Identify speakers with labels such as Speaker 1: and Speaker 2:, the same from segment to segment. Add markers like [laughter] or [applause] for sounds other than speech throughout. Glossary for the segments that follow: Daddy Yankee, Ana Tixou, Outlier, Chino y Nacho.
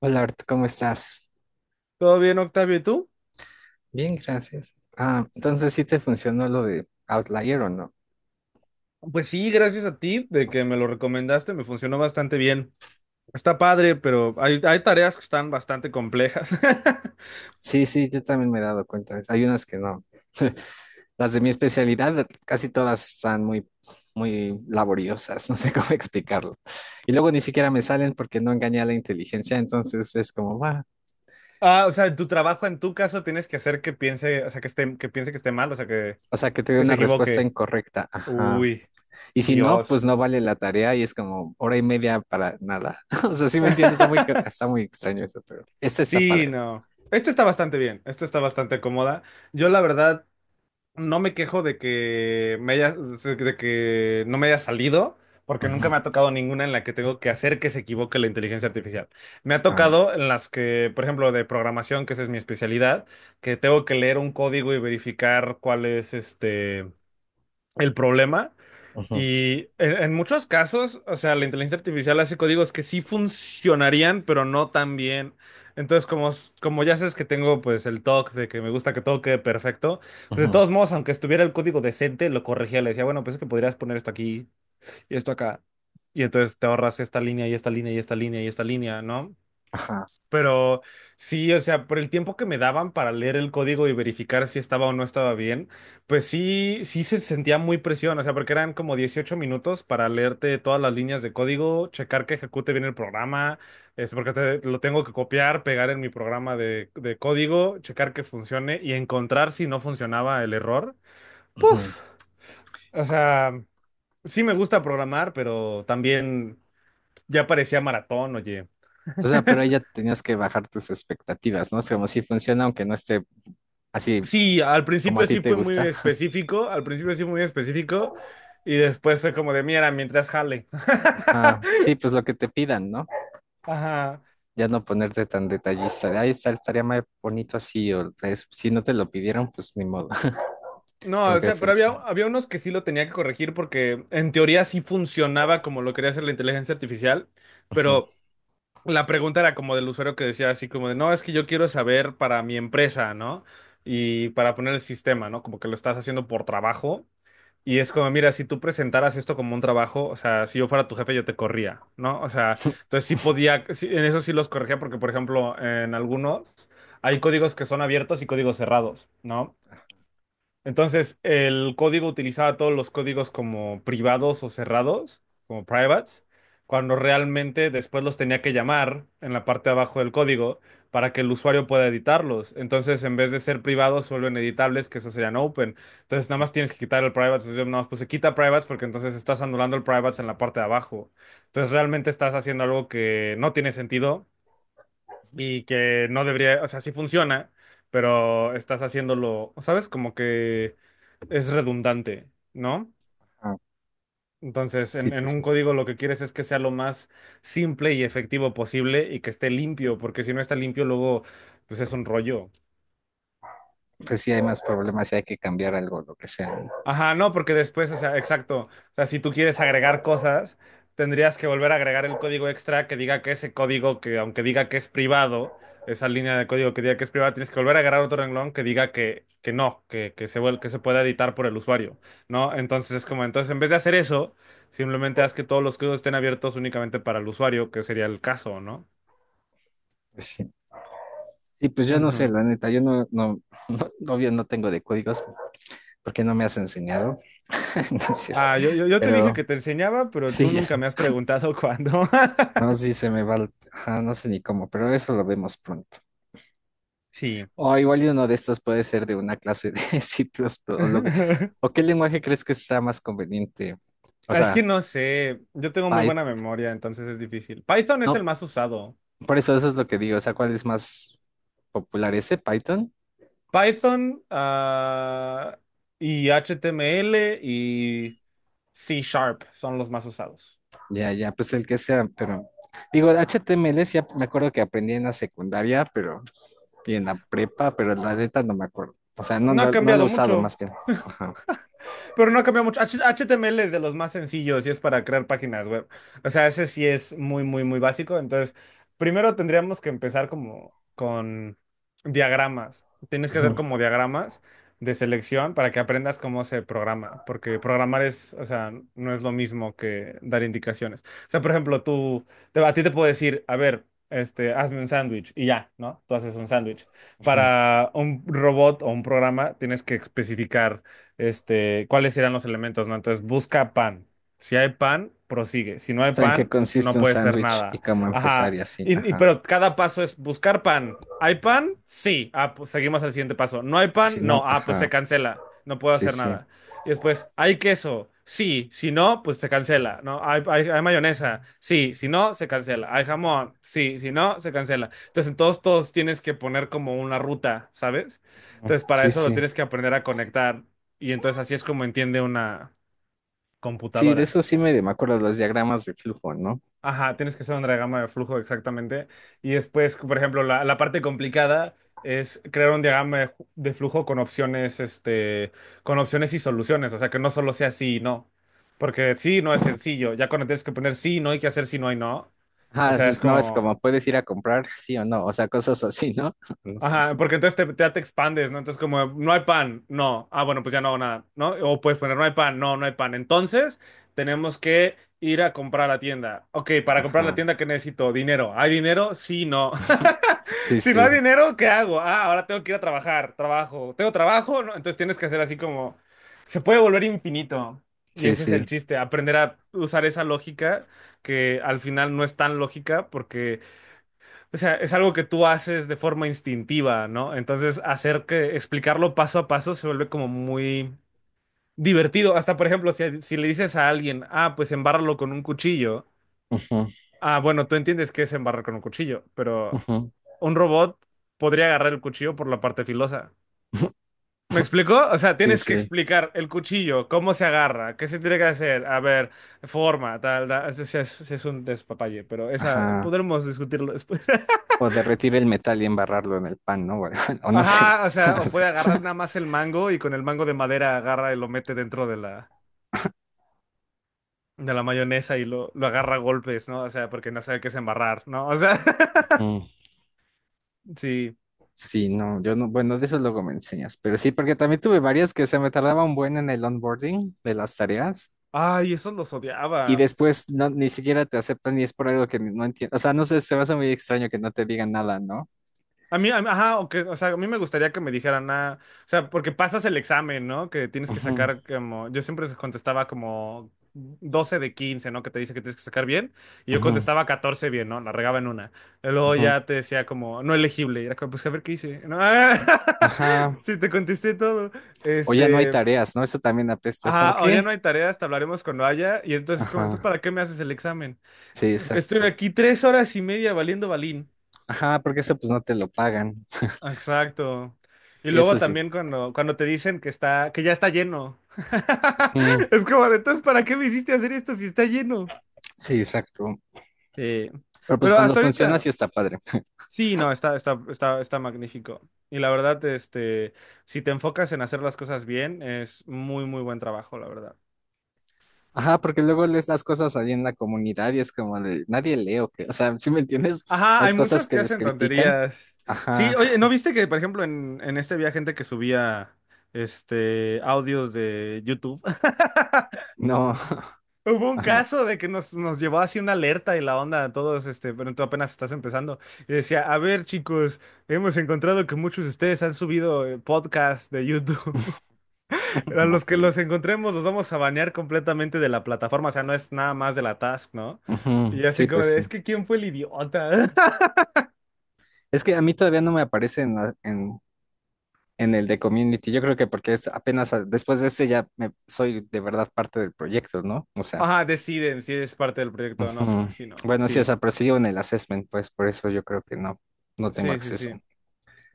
Speaker 1: Hola, Art, ¿cómo estás?
Speaker 2: ¿Todo bien, Octavio? ¿Y tú?
Speaker 1: Bien, gracias. Ah, entonces sí te funcionó lo de Outlier o no.
Speaker 2: Pues sí, gracias a ti de que me lo recomendaste, me funcionó bastante bien. Está padre, pero hay tareas que están bastante complejas. [laughs]
Speaker 1: Sí, sí, yo también me he dado cuenta de eso. Hay unas que no. [laughs] Las de mi especialidad, casi todas están muy, muy laboriosas, [laughs] no sé cómo explicarlo. Y luego ni siquiera me salen porque no engañé a la inteligencia, entonces es como, va.
Speaker 2: Ah, o sea, en tu trabajo, en tu caso, tienes que hacer que piense, o sea, que esté, que piense que esté mal, o sea,
Speaker 1: O sea, que te dio
Speaker 2: que se
Speaker 1: una respuesta
Speaker 2: equivoque.
Speaker 1: incorrecta. Ajá.
Speaker 2: Uy,
Speaker 1: Y si no, pues
Speaker 2: Dios.
Speaker 1: no vale la tarea y es como hora y media para nada. [laughs] O sea, sí me entiendes, está muy, está
Speaker 2: [laughs]
Speaker 1: muy extraño eso, pero este está
Speaker 2: Sí,
Speaker 1: padre.
Speaker 2: no. Este está bastante bien, este está bastante cómoda. Yo la verdad, no me quejo de que me haya, de que no me haya salido, porque nunca
Speaker 1: Ujú,
Speaker 2: me ha tocado ninguna en la que tengo que hacer que se equivoque la inteligencia artificial. Me ha
Speaker 1: ah,
Speaker 2: tocado en las que, por ejemplo, de programación, que esa es mi especialidad, que tengo que leer un código y verificar cuál es este el problema.
Speaker 1: ujú,
Speaker 2: Y en muchos casos, o sea, la inteligencia artificial hace códigos que sí funcionarían, pero no tan bien. Entonces, como, como ya sabes que tengo pues el toque de que me gusta que todo quede perfecto, pues de
Speaker 1: ujú,
Speaker 2: todos modos, aunque estuviera el código decente, lo corregía, le decía, bueno, pues es que podrías poner esto aquí y esto acá. Y entonces te ahorras esta línea y esta línea y esta línea y esta línea, ¿no?
Speaker 1: ajá,
Speaker 2: Pero sí, o sea, por el tiempo que me daban para leer el código y verificar si estaba o no estaba bien, pues sí, sí se sentía muy presión, o sea, porque eran como 18 minutos para leerte todas las líneas de código, checar que ejecute bien el programa, es porque lo tengo que copiar, pegar en mi programa de código, checar que funcione y encontrar si no funcionaba el error.
Speaker 1: ujú.
Speaker 2: Puf, o sea, sí me gusta programar, pero también ya parecía maratón, oye.
Speaker 1: O sea, pero ahí ya tenías que bajar tus expectativas, ¿no? Es como si funciona, aunque no esté así
Speaker 2: Sí, al
Speaker 1: como a
Speaker 2: principio
Speaker 1: ti
Speaker 2: sí
Speaker 1: te
Speaker 2: fue muy
Speaker 1: gusta.
Speaker 2: específico, al principio sí fue muy específico y después fue como de, mira, mientras jale. [laughs]
Speaker 1: Ajá, sí, pues lo que te pidan, ¿no?
Speaker 2: Ajá.
Speaker 1: Ya no ponerte tan detallista. Ahí está, estaría más bonito así, o si no te lo pidieron, pues ni modo, [laughs] que
Speaker 2: No, o
Speaker 1: aunque
Speaker 2: sea, pero había,
Speaker 1: funcione.
Speaker 2: había unos que sí lo tenía que corregir porque en teoría sí funcionaba como lo quería hacer la inteligencia artificial,
Speaker 1: Ujú,
Speaker 2: pero la pregunta era como del usuario que decía así como de, no, es que yo quiero saber para mi empresa, ¿no? Y para poner el sistema, ¿no? Como que lo estás haciendo por trabajo. Y es como, mira, si tú presentaras esto como un trabajo, o sea, si yo fuera tu jefe, yo te corría, ¿no? O sea, entonces sí podía, sí, en eso sí los corregía, porque, por ejemplo, en algunos hay códigos que son abiertos y códigos cerrados, ¿no? Entonces, el código utilizaba todos los códigos como privados o cerrados, como privates, cuando realmente después los tenía que llamar en la parte de abajo del código para que el usuario pueda editarlos. Entonces, en vez de ser privados, se vuelven editables, que eso serían open. Entonces, nada más tienes que quitar el privates. Entonces, yo nada más puse quita privates porque entonces estás anulando el privates en la parte de abajo. Entonces, realmente estás haciendo algo que no tiene sentido y que no debería, o sea, sí funciona, pero estás haciéndolo, ¿sabes? Como que es redundante, ¿no?
Speaker 1: ajá,
Speaker 2: Entonces,
Speaker 1: sí,
Speaker 2: en
Speaker 1: pues
Speaker 2: un
Speaker 1: sí.
Speaker 2: código lo que quieres es que sea lo más simple y efectivo posible y que esté limpio, porque si no está limpio, luego, pues es un rollo.
Speaker 1: Pues sí, hay más problemas y hay que cambiar algo, lo que sea, ¿no?
Speaker 2: Ajá, no, porque después, o sea, exacto. O sea, si tú quieres agregar cosas, tendrías que volver a agregar el código extra que diga que ese código, que aunque diga que es privado, esa línea de código que diga que es privada, tienes que volver a agregar otro renglón que diga que no, que, que se pueda editar por el usuario, ¿no? Entonces es como, entonces en vez de hacer eso, simplemente haz que todos los códigos estén abiertos únicamente para el usuario, que sería el caso, ¿no?
Speaker 1: Pues sí. Sí, pues yo no sé,
Speaker 2: Ujú.
Speaker 1: la neta, yo no, no, [laughs] no, obvio no tengo de códigos porque no me has enseñado, [laughs] no es cierto.
Speaker 2: Ah, yo te dije
Speaker 1: Pero
Speaker 2: que te enseñaba, pero
Speaker 1: sí,
Speaker 2: tú
Speaker 1: ya
Speaker 2: nunca
Speaker 1: sé.
Speaker 2: me has preguntado cuándo.
Speaker 1: No,
Speaker 2: [laughs]
Speaker 1: sí se me va, ajá, no sé ni cómo, pero eso lo vemos pronto.
Speaker 2: Sí.
Speaker 1: O igual y uno de estos puede ser de una clase de [laughs] C++, o lo que,
Speaker 2: [laughs]
Speaker 1: o qué lenguaje crees que está más conveniente, o
Speaker 2: Ah, es que
Speaker 1: sea,
Speaker 2: no sé, yo tengo muy
Speaker 1: Python,
Speaker 2: buena memoria, entonces es difícil. Python es el
Speaker 1: no,
Speaker 2: más usado.
Speaker 1: por eso es lo que digo, o sea, ¿cuál es más popular ese, Python?
Speaker 2: Python, ah, y HTML y C# son los más usados.
Speaker 1: Ya, ya, pues el que sea, pero digo, HTML sí, me acuerdo que aprendí en la secundaria, pero y en la prepa, pero la neta no me acuerdo. O sea, no,
Speaker 2: No ha
Speaker 1: no, no lo he
Speaker 2: cambiado
Speaker 1: usado
Speaker 2: mucho.
Speaker 1: más que. Ajá.
Speaker 2: Pero no ha cambiado mucho. HTML es de los más sencillos y es para crear páginas web. O sea, ese sí es muy, muy, muy básico. Entonces, primero tendríamos que empezar como con diagramas. Tienes que hacer
Speaker 1: Ujú,
Speaker 2: como diagramas de selección para que aprendas cómo se programa. Porque programar es, o sea, no es lo mismo que dar indicaciones. O sea, por ejemplo, tú, a ti te puedo decir, a ver, este, hazme un sándwich y ya, ¿no? Tú haces un sándwich.
Speaker 1: ujú.
Speaker 2: Para un robot o un programa tienes que especificar este, cuáles eran los elementos, ¿no? Entonces busca pan. Si hay pan, prosigue. Si no
Speaker 1: O
Speaker 2: hay
Speaker 1: sea, en qué
Speaker 2: pan,
Speaker 1: consiste
Speaker 2: no
Speaker 1: un
Speaker 2: puede ser
Speaker 1: sándwich y
Speaker 2: nada.
Speaker 1: cómo empezar
Speaker 2: Ajá.
Speaker 1: y así. Ajá.
Speaker 2: Pero cada paso es buscar pan. ¿Hay pan? Sí. Ah, pues seguimos al siguiente paso. ¿No hay pan?
Speaker 1: Si
Speaker 2: No.
Speaker 1: no,
Speaker 2: Ah, pues se
Speaker 1: ajá.
Speaker 2: cancela. No puedo
Speaker 1: Sí,
Speaker 2: hacer
Speaker 1: sí.
Speaker 2: nada. Y después, ¿hay queso? Sí. Si no, pues se cancela. ¿No? ¿Hay mayonesa? Sí. Si no, se cancela. ¿Hay jamón? Sí. Si no, se cancela. Entonces, en todos tienes que poner como una ruta, ¿sabes?
Speaker 1: Ujú.
Speaker 2: Entonces, para
Speaker 1: Sí,
Speaker 2: eso lo
Speaker 1: sí.
Speaker 2: tienes que aprender a conectar. Y entonces así es como entiende una
Speaker 1: Sí, de
Speaker 2: computadora.
Speaker 1: eso sí medio me acuerdo los diagramas de flujo, ¿no?
Speaker 2: Ajá, tienes que hacer un diagrama de flujo exactamente. Y después, por ejemplo, la parte complicada es crear un diagrama de, de flujo con opciones, este, con opciones y soluciones. O sea, que no solo sea sí y no. Porque sí no es sencillo. Ya cuando tienes que poner sí y no hay que hacer sí no y no. O
Speaker 1: Ah,
Speaker 2: sea, es
Speaker 1: no, es
Speaker 2: como,
Speaker 1: como puedes ir a comprar, sí o no, o sea, cosas así, ¿no? [laughs] No sé.
Speaker 2: ajá, porque entonces te, ya te expandes, ¿no? Entonces como, no hay pan, no. Ah, bueno, pues ya no hago nada, ¿no? O puedes poner, no hay pan, no, no hay pan. Entonces tenemos que ir a comprar a la tienda. Ok, para comprar la
Speaker 1: Ajá.
Speaker 2: tienda, ¿qué necesito? Dinero. ¿Hay dinero? Sí, no. [laughs]
Speaker 1: Sí,
Speaker 2: Si no
Speaker 1: sí,
Speaker 2: hay dinero, ¿qué hago? Ah, ahora tengo que ir a trabajar, trabajo. ¿Tengo trabajo? No, entonces tienes que hacer así como, se puede volver infinito. Y
Speaker 1: sí,
Speaker 2: ese es el
Speaker 1: sí.
Speaker 2: chiste, aprender a usar esa lógica que al final no es tan lógica porque o sea, es algo que tú haces de forma instintiva, ¿no? Entonces, hacer que explicarlo paso a paso se vuelve como muy divertido. Hasta, por ejemplo, si le dices a alguien, ah, pues embárralo con un cuchillo.
Speaker 1: Ujú,
Speaker 2: Ah, bueno, tú entiendes qué es embarrar con un cuchillo, pero
Speaker 1: ujú.
Speaker 2: un robot podría agarrar el cuchillo por la parte filosa.
Speaker 1: [laughs]
Speaker 2: ¿Me explicó? O sea,
Speaker 1: Sí,
Speaker 2: tienes que
Speaker 1: sí.
Speaker 2: explicar el cuchillo, cómo se agarra, qué se tiene que hacer, a ver, forma, tal, tal. Sí es un despapalle, pero esa
Speaker 1: Ajá.
Speaker 2: podremos discutirlo después. [laughs]
Speaker 1: O derretir el metal y embarrarlo en el pan, ¿no? [laughs] O no sé.
Speaker 2: Ajá, o sea, o puede
Speaker 1: [laughs]
Speaker 2: agarrar nada más el mango y con el mango de madera agarra y lo mete dentro de de la mayonesa y lo agarra a golpes, ¿no? O sea, porque no sabe qué es embarrar, ¿no? O sea, [laughs]
Speaker 1: Mm,
Speaker 2: sí.
Speaker 1: sí, no, yo no, bueno, de eso luego me enseñas, pero sí, porque también tuve varias que se me tardaba un buen en el onboarding de las tareas
Speaker 2: Ay, esos los
Speaker 1: y
Speaker 2: odiaba.
Speaker 1: después no, ni siquiera te aceptan y es por algo que no entiendo, o sea, no sé, se me hace muy extraño que no te digan nada, ¿no?
Speaker 2: A mí, a ajá, aunque, o sea, a mí me gustaría que me dijeran, nada, o sea, porque pasas el examen, ¿no? Que tienes que
Speaker 1: Ujú,
Speaker 2: sacar como, yo siempre contestaba como 12 de 15 ¿no? Que te dice que tienes que sacar bien, y yo
Speaker 1: ujú,
Speaker 2: contestaba 14 bien, ¿no? La regaba en una. Y luego
Speaker 1: ujú.
Speaker 2: ya te decía como, no elegible, y era como, pues a ver qué hice, ¿no?
Speaker 1: Ajá,
Speaker 2: [laughs] Sí, te contesté todo.
Speaker 1: o ya no hay
Speaker 2: Este,
Speaker 1: tareas, ¿no? Eso también apesta, es
Speaker 2: ajá,
Speaker 1: como
Speaker 2: ahora ya
Speaker 1: qué.
Speaker 2: no hay tareas, te hablaremos cuando haya, y entonces, como, entonces,
Speaker 1: Ajá,
Speaker 2: ¿para qué me haces el examen?
Speaker 1: sí,
Speaker 2: Estuve
Speaker 1: exacto.
Speaker 2: aquí 3 horas y media valiendo balín.
Speaker 1: Ajá, porque eso pues no te lo pagan.
Speaker 2: Exacto. Y
Speaker 1: Sí, eso
Speaker 2: luego
Speaker 1: sí.
Speaker 2: también cuando, cuando te dicen que está, que ya está lleno. [laughs]
Speaker 1: Mm,
Speaker 2: Es como, entonces, ¿para qué me hiciste hacer esto si está lleno?
Speaker 1: sí, exacto.
Speaker 2: Eh,
Speaker 1: Pero pues
Speaker 2: pero
Speaker 1: cuando
Speaker 2: hasta
Speaker 1: funciona sí
Speaker 2: ahorita,
Speaker 1: está padre.
Speaker 2: sí, no, está magnífico. Y la verdad, este, si te enfocas en hacer las cosas bien, es muy, muy buen trabajo, la verdad.
Speaker 1: Ajá, porque luego lees las cosas ahí en la comunidad y es como de, nadie lee o qué, o sea, ¿si me entiendes?
Speaker 2: Ajá,
Speaker 1: Las
Speaker 2: hay
Speaker 1: cosas
Speaker 2: muchos
Speaker 1: que
Speaker 2: que
Speaker 1: les
Speaker 2: hacen
Speaker 1: critican.
Speaker 2: tonterías. Sí,
Speaker 1: Ajá,
Speaker 2: oye, ¿no viste que, por ejemplo, en este había gente que subía, este, audios de YouTube?
Speaker 1: no,
Speaker 2: Hubo
Speaker 1: [laughs]
Speaker 2: un
Speaker 1: ah, no,
Speaker 2: caso de que nos llevó así una alerta y la onda a todos, este, pero tú apenas estás empezando. Y decía, a ver, chicos, hemos encontrado que muchos de ustedes han subido podcasts de YouTube. [laughs] A
Speaker 1: no,
Speaker 2: los que
Speaker 1: pues,
Speaker 2: los encontremos los vamos a banear completamente de la plataforma. O sea, no es nada más de la task, ¿no?
Speaker 1: ujú,
Speaker 2: Y
Speaker 1: sí,
Speaker 2: así como
Speaker 1: pues
Speaker 2: de,
Speaker 1: sí.
Speaker 2: es que ¿quién fue el idiota? [laughs]
Speaker 1: Es que a mí todavía no me aparece en, en el de Community, yo creo que porque es apenas después de este ya me, soy de verdad parte del proyecto, ¿no? O sea,
Speaker 2: Ajá, deciden si es parte del proyecto o no, me
Speaker 1: ujú.
Speaker 2: imagino.
Speaker 1: Bueno, sí, o
Speaker 2: Sí,
Speaker 1: sea, pero sigo en el assessment, pues por eso yo creo que no, no tengo
Speaker 2: sí, sí,
Speaker 1: acceso.
Speaker 2: sí.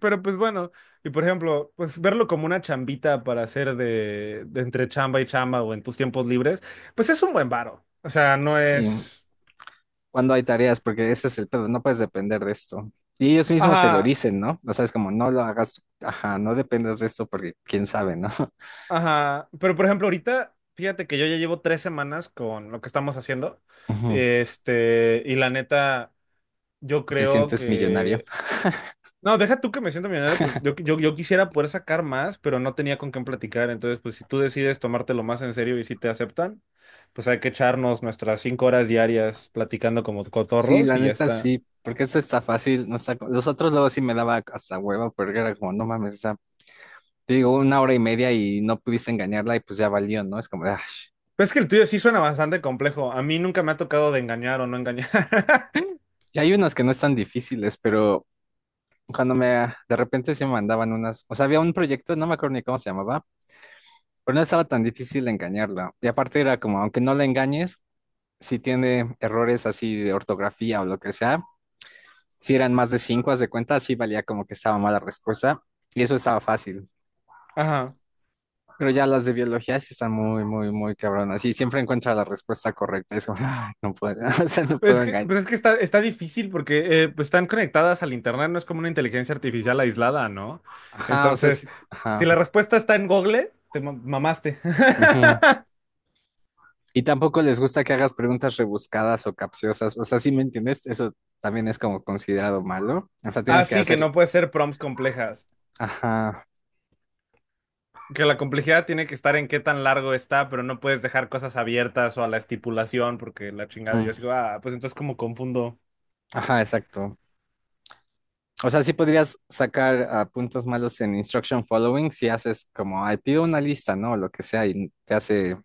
Speaker 2: Pero pues bueno, y por ejemplo, pues verlo como una chambita para hacer de entre chamba y chamba o en tus tiempos libres, pues es un buen varo. O sea, no
Speaker 1: Sí,
Speaker 2: es...
Speaker 1: cuando hay tareas, porque ese es el pedo, no puedes depender de esto. Y ellos mismos te lo
Speaker 2: Ajá,
Speaker 1: dicen, ¿no? O sea, es como, no lo hagas, ajá, no dependas de esto porque quién sabe, ¿no? [laughs]
Speaker 2: ajá. Pero por ejemplo, ahorita, fíjate que yo ya llevo 3 semanas con lo que estamos haciendo.
Speaker 1: Ujú.
Speaker 2: Este, y la neta, yo
Speaker 1: Te
Speaker 2: creo
Speaker 1: sientes millonario.
Speaker 2: que no, deja tú que me siento millonario, pues
Speaker 1: [laughs]
Speaker 2: yo quisiera poder sacar más, pero no tenía con quién platicar. Entonces, pues si tú decides tomártelo más en serio y si te aceptan, pues hay que echarnos nuestras 5 horas diarias platicando como
Speaker 1: Sí,
Speaker 2: cotorros
Speaker 1: la
Speaker 2: y ya
Speaker 1: neta,
Speaker 2: está.
Speaker 1: sí, porque esto está fácil, no está... Los otros luego sí me daba hasta hueva, porque era como, no mames, o sea, te digo, una hora y media y no pudiste engañarla y pues ya valió, ¿no? Es como, ah.
Speaker 2: Pero es que el tuyo sí suena bastante complejo. A mí nunca me ha tocado de engañar o no engañar. [laughs]
Speaker 1: Y hay unas que no están difíciles, pero de repente se me mandaban unas, o sea, había un proyecto, no me acuerdo ni cómo se llamaba, pero no estaba tan difícil engañarla. Y aparte era como, aunque no la engañes, si tiene errores así de ortografía o lo que sea, si eran más de 5, haz de cuenta, sí valía como que estaba mala respuesta. Y eso estaba fácil.
Speaker 2: Ajá.
Speaker 1: Pero ya las de biología sí están muy, muy, muy cabronas. Y siempre encuentra la respuesta correcta. Es como, "Ah, no puedo, [laughs] o sea, no puedo engañar".
Speaker 2: Pues es que está difícil porque pues están conectadas al internet, no es como una inteligencia artificial aislada, ¿no?
Speaker 1: Ajá, o sea,
Speaker 2: Entonces,
Speaker 1: sí,
Speaker 2: si
Speaker 1: ajá.
Speaker 2: la respuesta está en Google, te mamaste.
Speaker 1: Ujú.
Speaker 2: [laughs]
Speaker 1: Y tampoco les gusta que hagas preguntas rebuscadas o capciosas. O sea, ¿si me entiendes? Eso también es como considerado malo. O sea,
Speaker 2: Ah,
Speaker 1: tienes que
Speaker 2: sí, que
Speaker 1: hacer,
Speaker 2: no puede ser prompts complejas.
Speaker 1: ajá.
Speaker 2: Que la complejidad tiene que estar en qué tan largo está, pero no puedes dejar cosas abiertas o a la estipulación, porque la chingada yo
Speaker 1: Ujú.
Speaker 2: digo, ah, pues entonces como confundo.
Speaker 1: Ajá, exacto. O sea, sí podrías sacar ah, puntos malos en instruction following si haces como, ay, pido una lista, ¿no? O lo que sea, y te hace,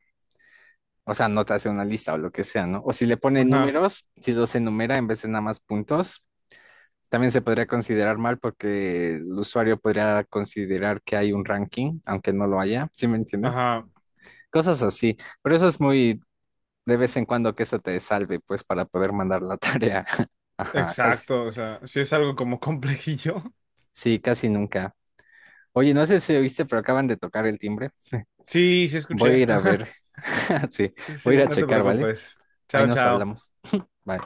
Speaker 1: o sea, no te hace una lista o lo que sea, ¿no? O si le pone
Speaker 2: Ajá,
Speaker 1: números, si los enumera en vez de nada más puntos, también se podría considerar mal porque el usuario podría considerar que hay un ranking, aunque no lo haya, ¿sí me entiendes?
Speaker 2: ajá,
Speaker 1: Cosas así. Pero eso es muy de vez en cuando que eso te salve, pues, para poder mandar la tarea. [laughs] Ajá, casi,
Speaker 2: exacto. O sea, sí es algo como complejillo. [laughs]
Speaker 1: sí, casi nunca. Oye, no sé si oíste, pero acaban de tocar el timbre.
Speaker 2: Sí, sí
Speaker 1: Voy a
Speaker 2: escuché. [laughs]
Speaker 1: ir a ver.
Speaker 2: Ajá.
Speaker 1: [laughs] Sí,
Speaker 2: Sí,
Speaker 1: voy a ir a
Speaker 2: no te
Speaker 1: checar, ¿vale?
Speaker 2: preocupes.
Speaker 1: Ahí
Speaker 2: Chao,
Speaker 1: nos
Speaker 2: chao.
Speaker 1: hablamos. Bye.